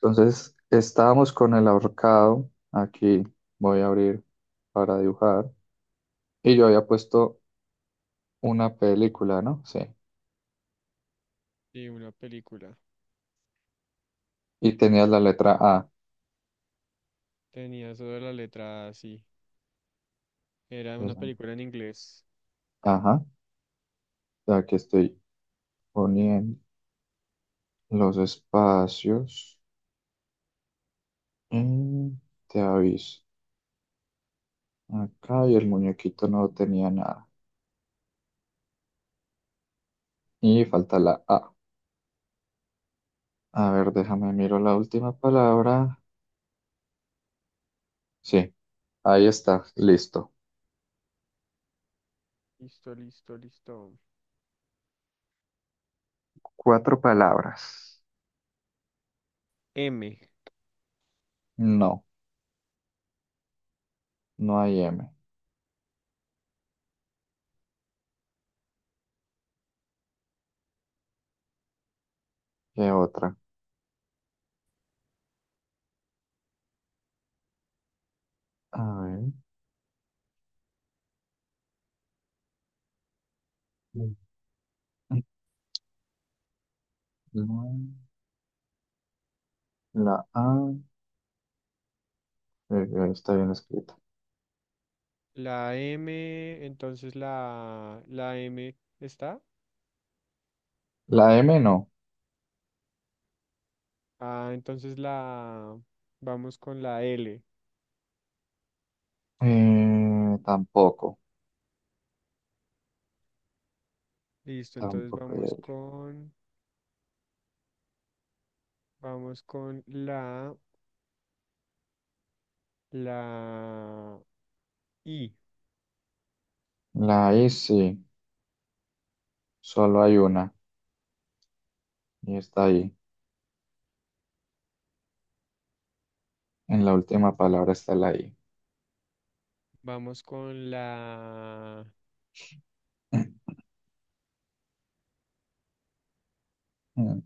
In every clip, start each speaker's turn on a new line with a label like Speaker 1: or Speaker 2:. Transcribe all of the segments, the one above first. Speaker 1: Entonces, estábamos con el ahorcado. Aquí voy a abrir para dibujar. Y yo había puesto una película, ¿no? Sí.
Speaker 2: Sí, una película.
Speaker 1: Y tenía la letra A.
Speaker 2: Tenía eso de la letra así. Era una
Speaker 1: Entonces,
Speaker 2: película en inglés.
Speaker 1: ajá. Aquí estoy poniendo los espacios. Y te aviso. Acá y el muñequito no tenía nada. Y falta la A. A ver, déjame miro la última palabra. Sí, ahí está. Listo.
Speaker 2: Listo, listo, listo.
Speaker 1: Cuatro palabras.
Speaker 2: M.
Speaker 1: No, no hay M. ¿Qué otra? A ver. No, la A está bien escrita.
Speaker 2: La M, entonces la M está.
Speaker 1: La M no.
Speaker 2: Ah, entonces la vamos con la L.
Speaker 1: Tampoco.
Speaker 2: Listo, entonces
Speaker 1: Tampoco hay
Speaker 2: vamos
Speaker 1: L.
Speaker 2: con vamos con la I.
Speaker 1: La I sí. Solo hay una. Y está ahí. En la última
Speaker 2: Mm.
Speaker 1: palabra está la I.
Speaker 2: Vamos con
Speaker 1: Mm.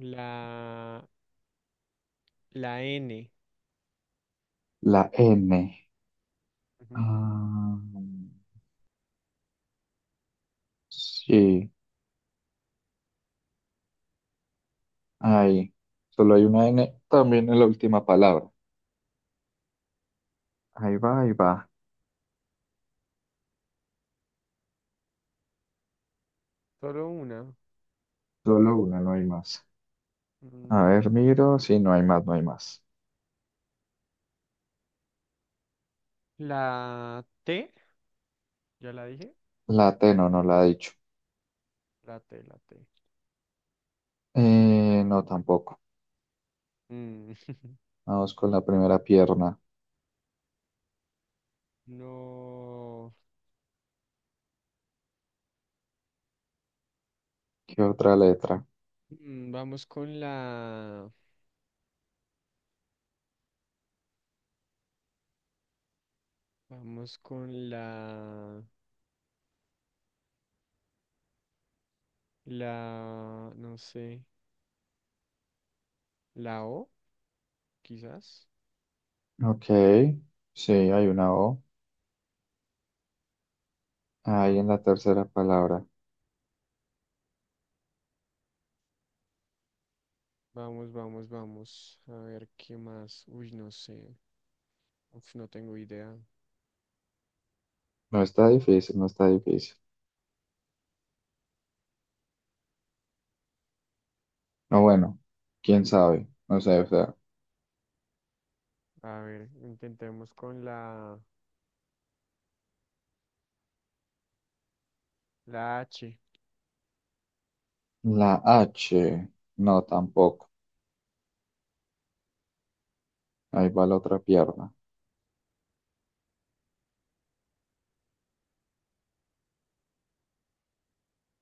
Speaker 2: la la N.
Speaker 1: La N.
Speaker 2: Ujú.
Speaker 1: Ah, sí. Ahí. Solo hay una N. También en la última palabra. Ahí va, ahí va.
Speaker 2: Solo una.
Speaker 1: Solo una, no hay más. A
Speaker 2: Mm,
Speaker 1: ver, miro. Sí, no hay más, no hay más.
Speaker 2: la T, ya la dije.
Speaker 1: La T no, no la ha dicho.
Speaker 2: La T.
Speaker 1: No, tampoco.
Speaker 2: Mm,
Speaker 1: Vamos con la primera pierna.
Speaker 2: no.
Speaker 1: ¿Qué otra letra?
Speaker 2: Vamos con la. Vamos con la. La. No sé. La O, quizás.
Speaker 1: Ok, sí, hay una O. Ahí en la
Speaker 2: Vamos,
Speaker 1: tercera palabra.
Speaker 2: vamos, vamos, vamos. A ver qué más. Uy, no sé. Uf, no tengo idea.
Speaker 1: No está difícil, no está difícil. No, bueno, quién sabe. No sé, o sea.
Speaker 2: A ver, intentemos con la. La H.
Speaker 1: La H, no, tampoco. Ahí va la otra pierna.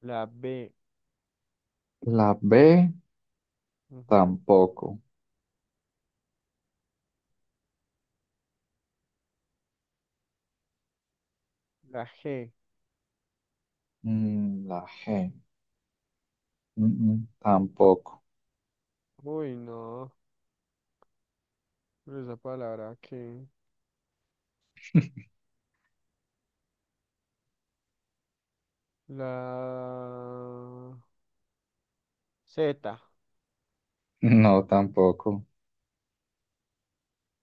Speaker 2: La B,
Speaker 1: La B,
Speaker 2: ujú.
Speaker 1: tampoco.
Speaker 2: La G.
Speaker 1: La G, tampoco.
Speaker 2: Uy, no. Pero esa palabra que. La Z.
Speaker 1: No, tampoco.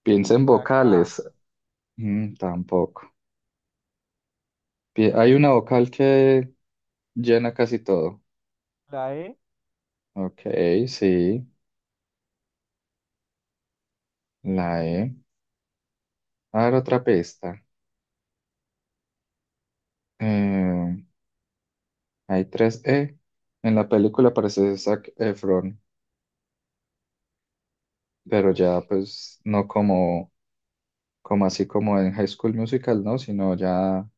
Speaker 1: Piensa en
Speaker 2: La K,
Speaker 1: vocales. Mm, tampoco. Hay una vocal que llena casi todo.
Speaker 2: la E,
Speaker 1: Ok, sí, la E. A ver, otra pista. Eh, hay tres E. En la película aparece Zac Efron, pero
Speaker 2: uff,
Speaker 1: ya pues no como, como así como en High School Musical, ¿no? Sino ya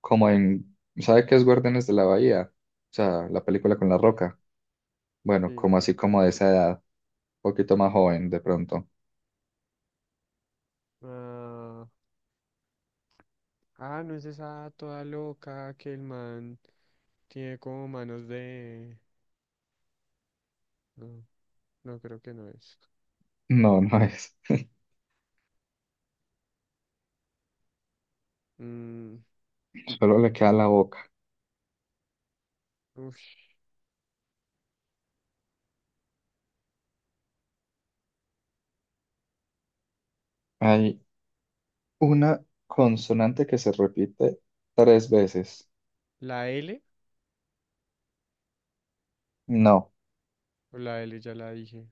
Speaker 1: como en, ¿sabe qué es Guardianes de la Bahía? O sea, la película con La Roca. Bueno,
Speaker 2: sí.
Speaker 1: como así como de esa edad, un poquito más joven de pronto.
Speaker 2: Ah, ah, no es esa toda loca que el man tiene como manos de... No, no creo que no es.
Speaker 1: No, no es.
Speaker 2: Mm,
Speaker 1: Solo le queda la boca.
Speaker 2: ush,
Speaker 1: Hay una consonante que se repite tres veces.
Speaker 2: la L,
Speaker 1: No,
Speaker 2: o la L ya la dije.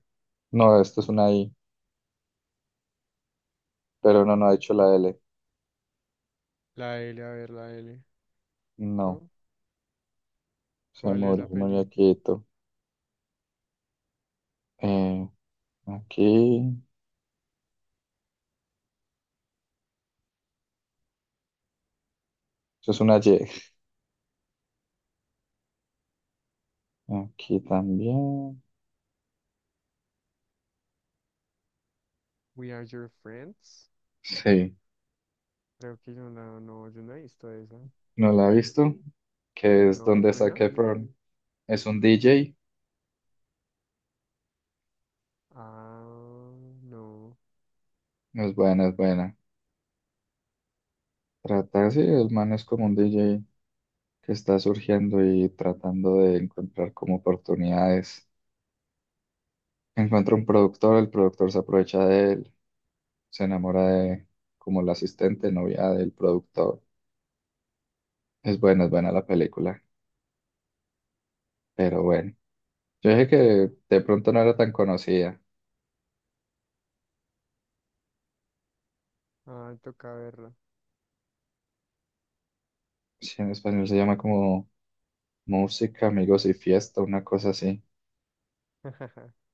Speaker 1: no, esto es una I, pero no, no ha hecho la L.
Speaker 2: La L, a ver, la L,
Speaker 1: No,
Speaker 2: ¿no?
Speaker 1: se
Speaker 2: ¿Cuál es
Speaker 1: murió,
Speaker 2: la
Speaker 1: murió
Speaker 2: película?
Speaker 1: quieto. Eh, aquí, eso es una Y. Aquí también.
Speaker 2: We Are Your Friends.
Speaker 1: Sí,
Speaker 2: Creo que yo no, no, yo no he visto esa.
Speaker 1: no la he visto, que es
Speaker 2: ¿No es
Speaker 1: donde
Speaker 2: buena?
Speaker 1: saqué Efron. Es un DJ,
Speaker 2: Ah, no.
Speaker 1: es buena, es buena. Trata sí el man es como un DJ que está surgiendo y tratando de encontrar como oportunidades. Encuentra un productor, el productor se aprovecha de él, se enamora de como la asistente, novia del productor. Es buena la película, pero bueno. Yo dije que de pronto no era tan conocida.
Speaker 2: Ah, toca verla.
Speaker 1: Sí, en español se llama como Música, Amigos y Fiesta, una cosa así.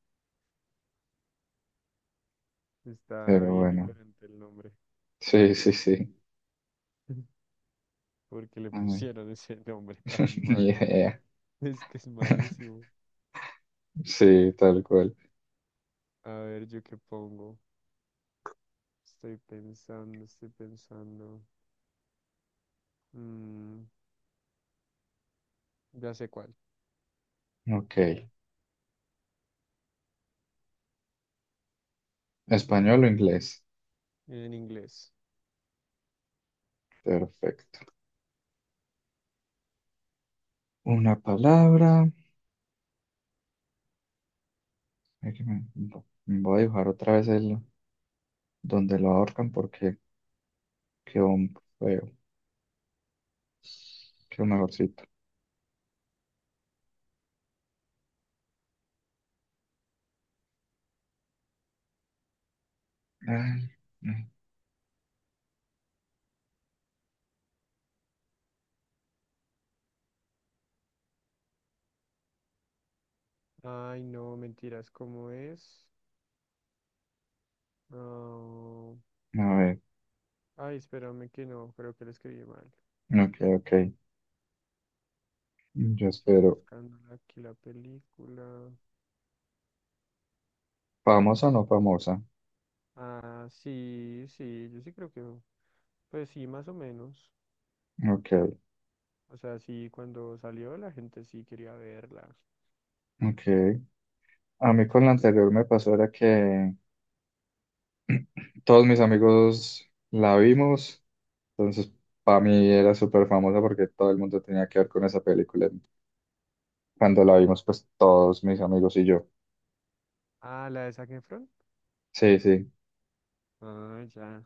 Speaker 2: Está
Speaker 1: Pero
Speaker 2: bien
Speaker 1: bueno,
Speaker 2: diferente el nombre.
Speaker 1: sí, sí, sí.
Speaker 2: Porque le
Speaker 1: Ay,
Speaker 2: pusieron ese nombre tan
Speaker 1: ni
Speaker 2: malo.
Speaker 1: idea.
Speaker 2: Es que es malísimo.
Speaker 1: Sí, tal cual.
Speaker 2: A ver, ¿yo qué pongo? Estoy pensando, estoy pensando. Mm, ya sé cuál.
Speaker 1: Ok. Español o inglés.
Speaker 2: En inglés.
Speaker 1: Perfecto. Una palabra. Ay, que me- Voy a dibujar otra vez el, donde lo ahorcan porque quedó un feo, quedó mejorcito. Ay, ay,
Speaker 2: Ay, no, mentiras, ¿cómo es? Ah,
Speaker 1: a ver,
Speaker 2: ay, espérame que no, creo que lo escribí mal.
Speaker 1: ok, ok. Yo
Speaker 2: Estoy
Speaker 1: espero.
Speaker 2: buscando aquí la película.
Speaker 1: ¿Famosa o no famosa?
Speaker 2: Ah, sí, sí, yo sí creo que. Pues sí, más o menos.
Speaker 1: Ok,
Speaker 2: O sea, sí, cuando salió la gente sí quería verla.
Speaker 1: ok. A mí con la anterior me pasó era que todos mis amigos la vimos, entonces para mí era súper famosa porque todo el mundo tenía que ver con esa película. Cuando la vimos, pues todos mis amigos y yo.
Speaker 2: Ah, la de Zac Efron.
Speaker 1: Sí, sí.
Speaker 2: Ah, ya.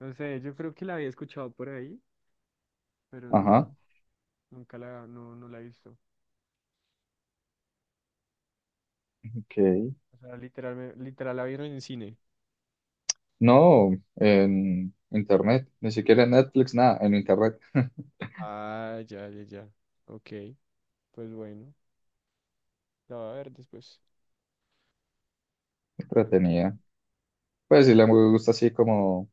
Speaker 2: No sé, yo creo que la había escuchado por ahí, pero no,
Speaker 1: Ajá,
Speaker 2: nunca la, no, no la he visto.
Speaker 1: ok.
Speaker 2: O sea, literal, literal la vieron en cine.
Speaker 1: No, en internet, ni siquiera en Netflix, nada, en internet.
Speaker 2: Ah, ya, ya, ya. Ok, pues bueno, la voy a ver después. A ver qué-
Speaker 1: Entretenida. Pues si le gusta así como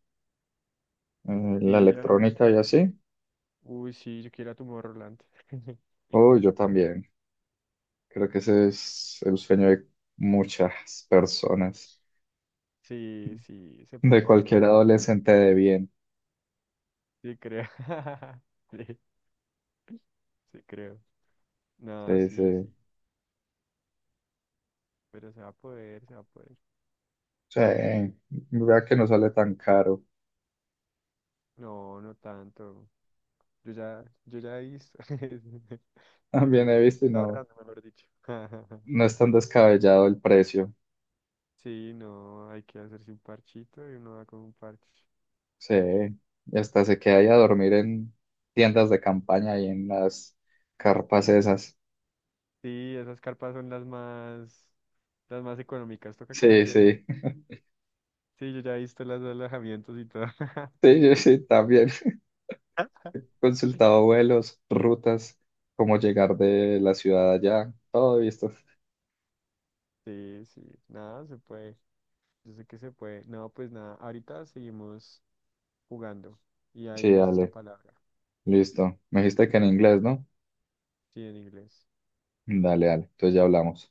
Speaker 1: la
Speaker 2: Sí, a mí me
Speaker 1: electrónica y
Speaker 2: gusta.
Speaker 1: así.
Speaker 2: Uy, sí, yo quiero a Tomorrowland.
Speaker 1: Oh, yo también. Creo que ese es el sueño de muchas personas,
Speaker 2: Sí, sí, se
Speaker 1: de
Speaker 2: puede, ¿no?
Speaker 1: cualquier
Speaker 2: O sea, pues,
Speaker 1: adolescente de bien.
Speaker 2: sí, creo. Sí, sí, creo. No,
Speaker 1: Sí,
Speaker 2: sí,
Speaker 1: sí.
Speaker 2: sí. Pero se va a poder, se va a poder.
Speaker 1: Sí, vea que no sale tan caro.
Speaker 2: No, no tanto. Yo ya hice. Yo,
Speaker 1: También he
Speaker 2: yo
Speaker 1: visto y
Speaker 2: estoy
Speaker 1: no,
Speaker 2: ahorrando, mejor dicho.
Speaker 1: no es tan descabellado el precio.
Speaker 2: Sí, no, hay que hacerse un parchito y uno va con un parche.
Speaker 1: Sí, y hasta se queda ahí a dormir en tiendas de campaña y en las carpas esas.
Speaker 2: Sí, esas carpas son las más económicas, toca
Speaker 1: Sí,
Speaker 2: quedarse ahí.
Speaker 1: sí,
Speaker 2: Sí, yo ya he visto los alojamientos y todo.
Speaker 1: sí, yo sí, también. Consultado vuelos, rutas, cómo llegar de la ciudad allá, todo visto.
Speaker 2: Sí, sí, nada, se puede. Yo sé que se puede. No, pues nada, ahorita seguimos jugando. Y ahí
Speaker 1: Sí,
Speaker 2: nace esta
Speaker 1: dale,
Speaker 2: palabra.
Speaker 1: listo. Me dijiste que en inglés, ¿no?
Speaker 2: Sí, en inglés.
Speaker 1: Dale, dale, entonces ya hablamos.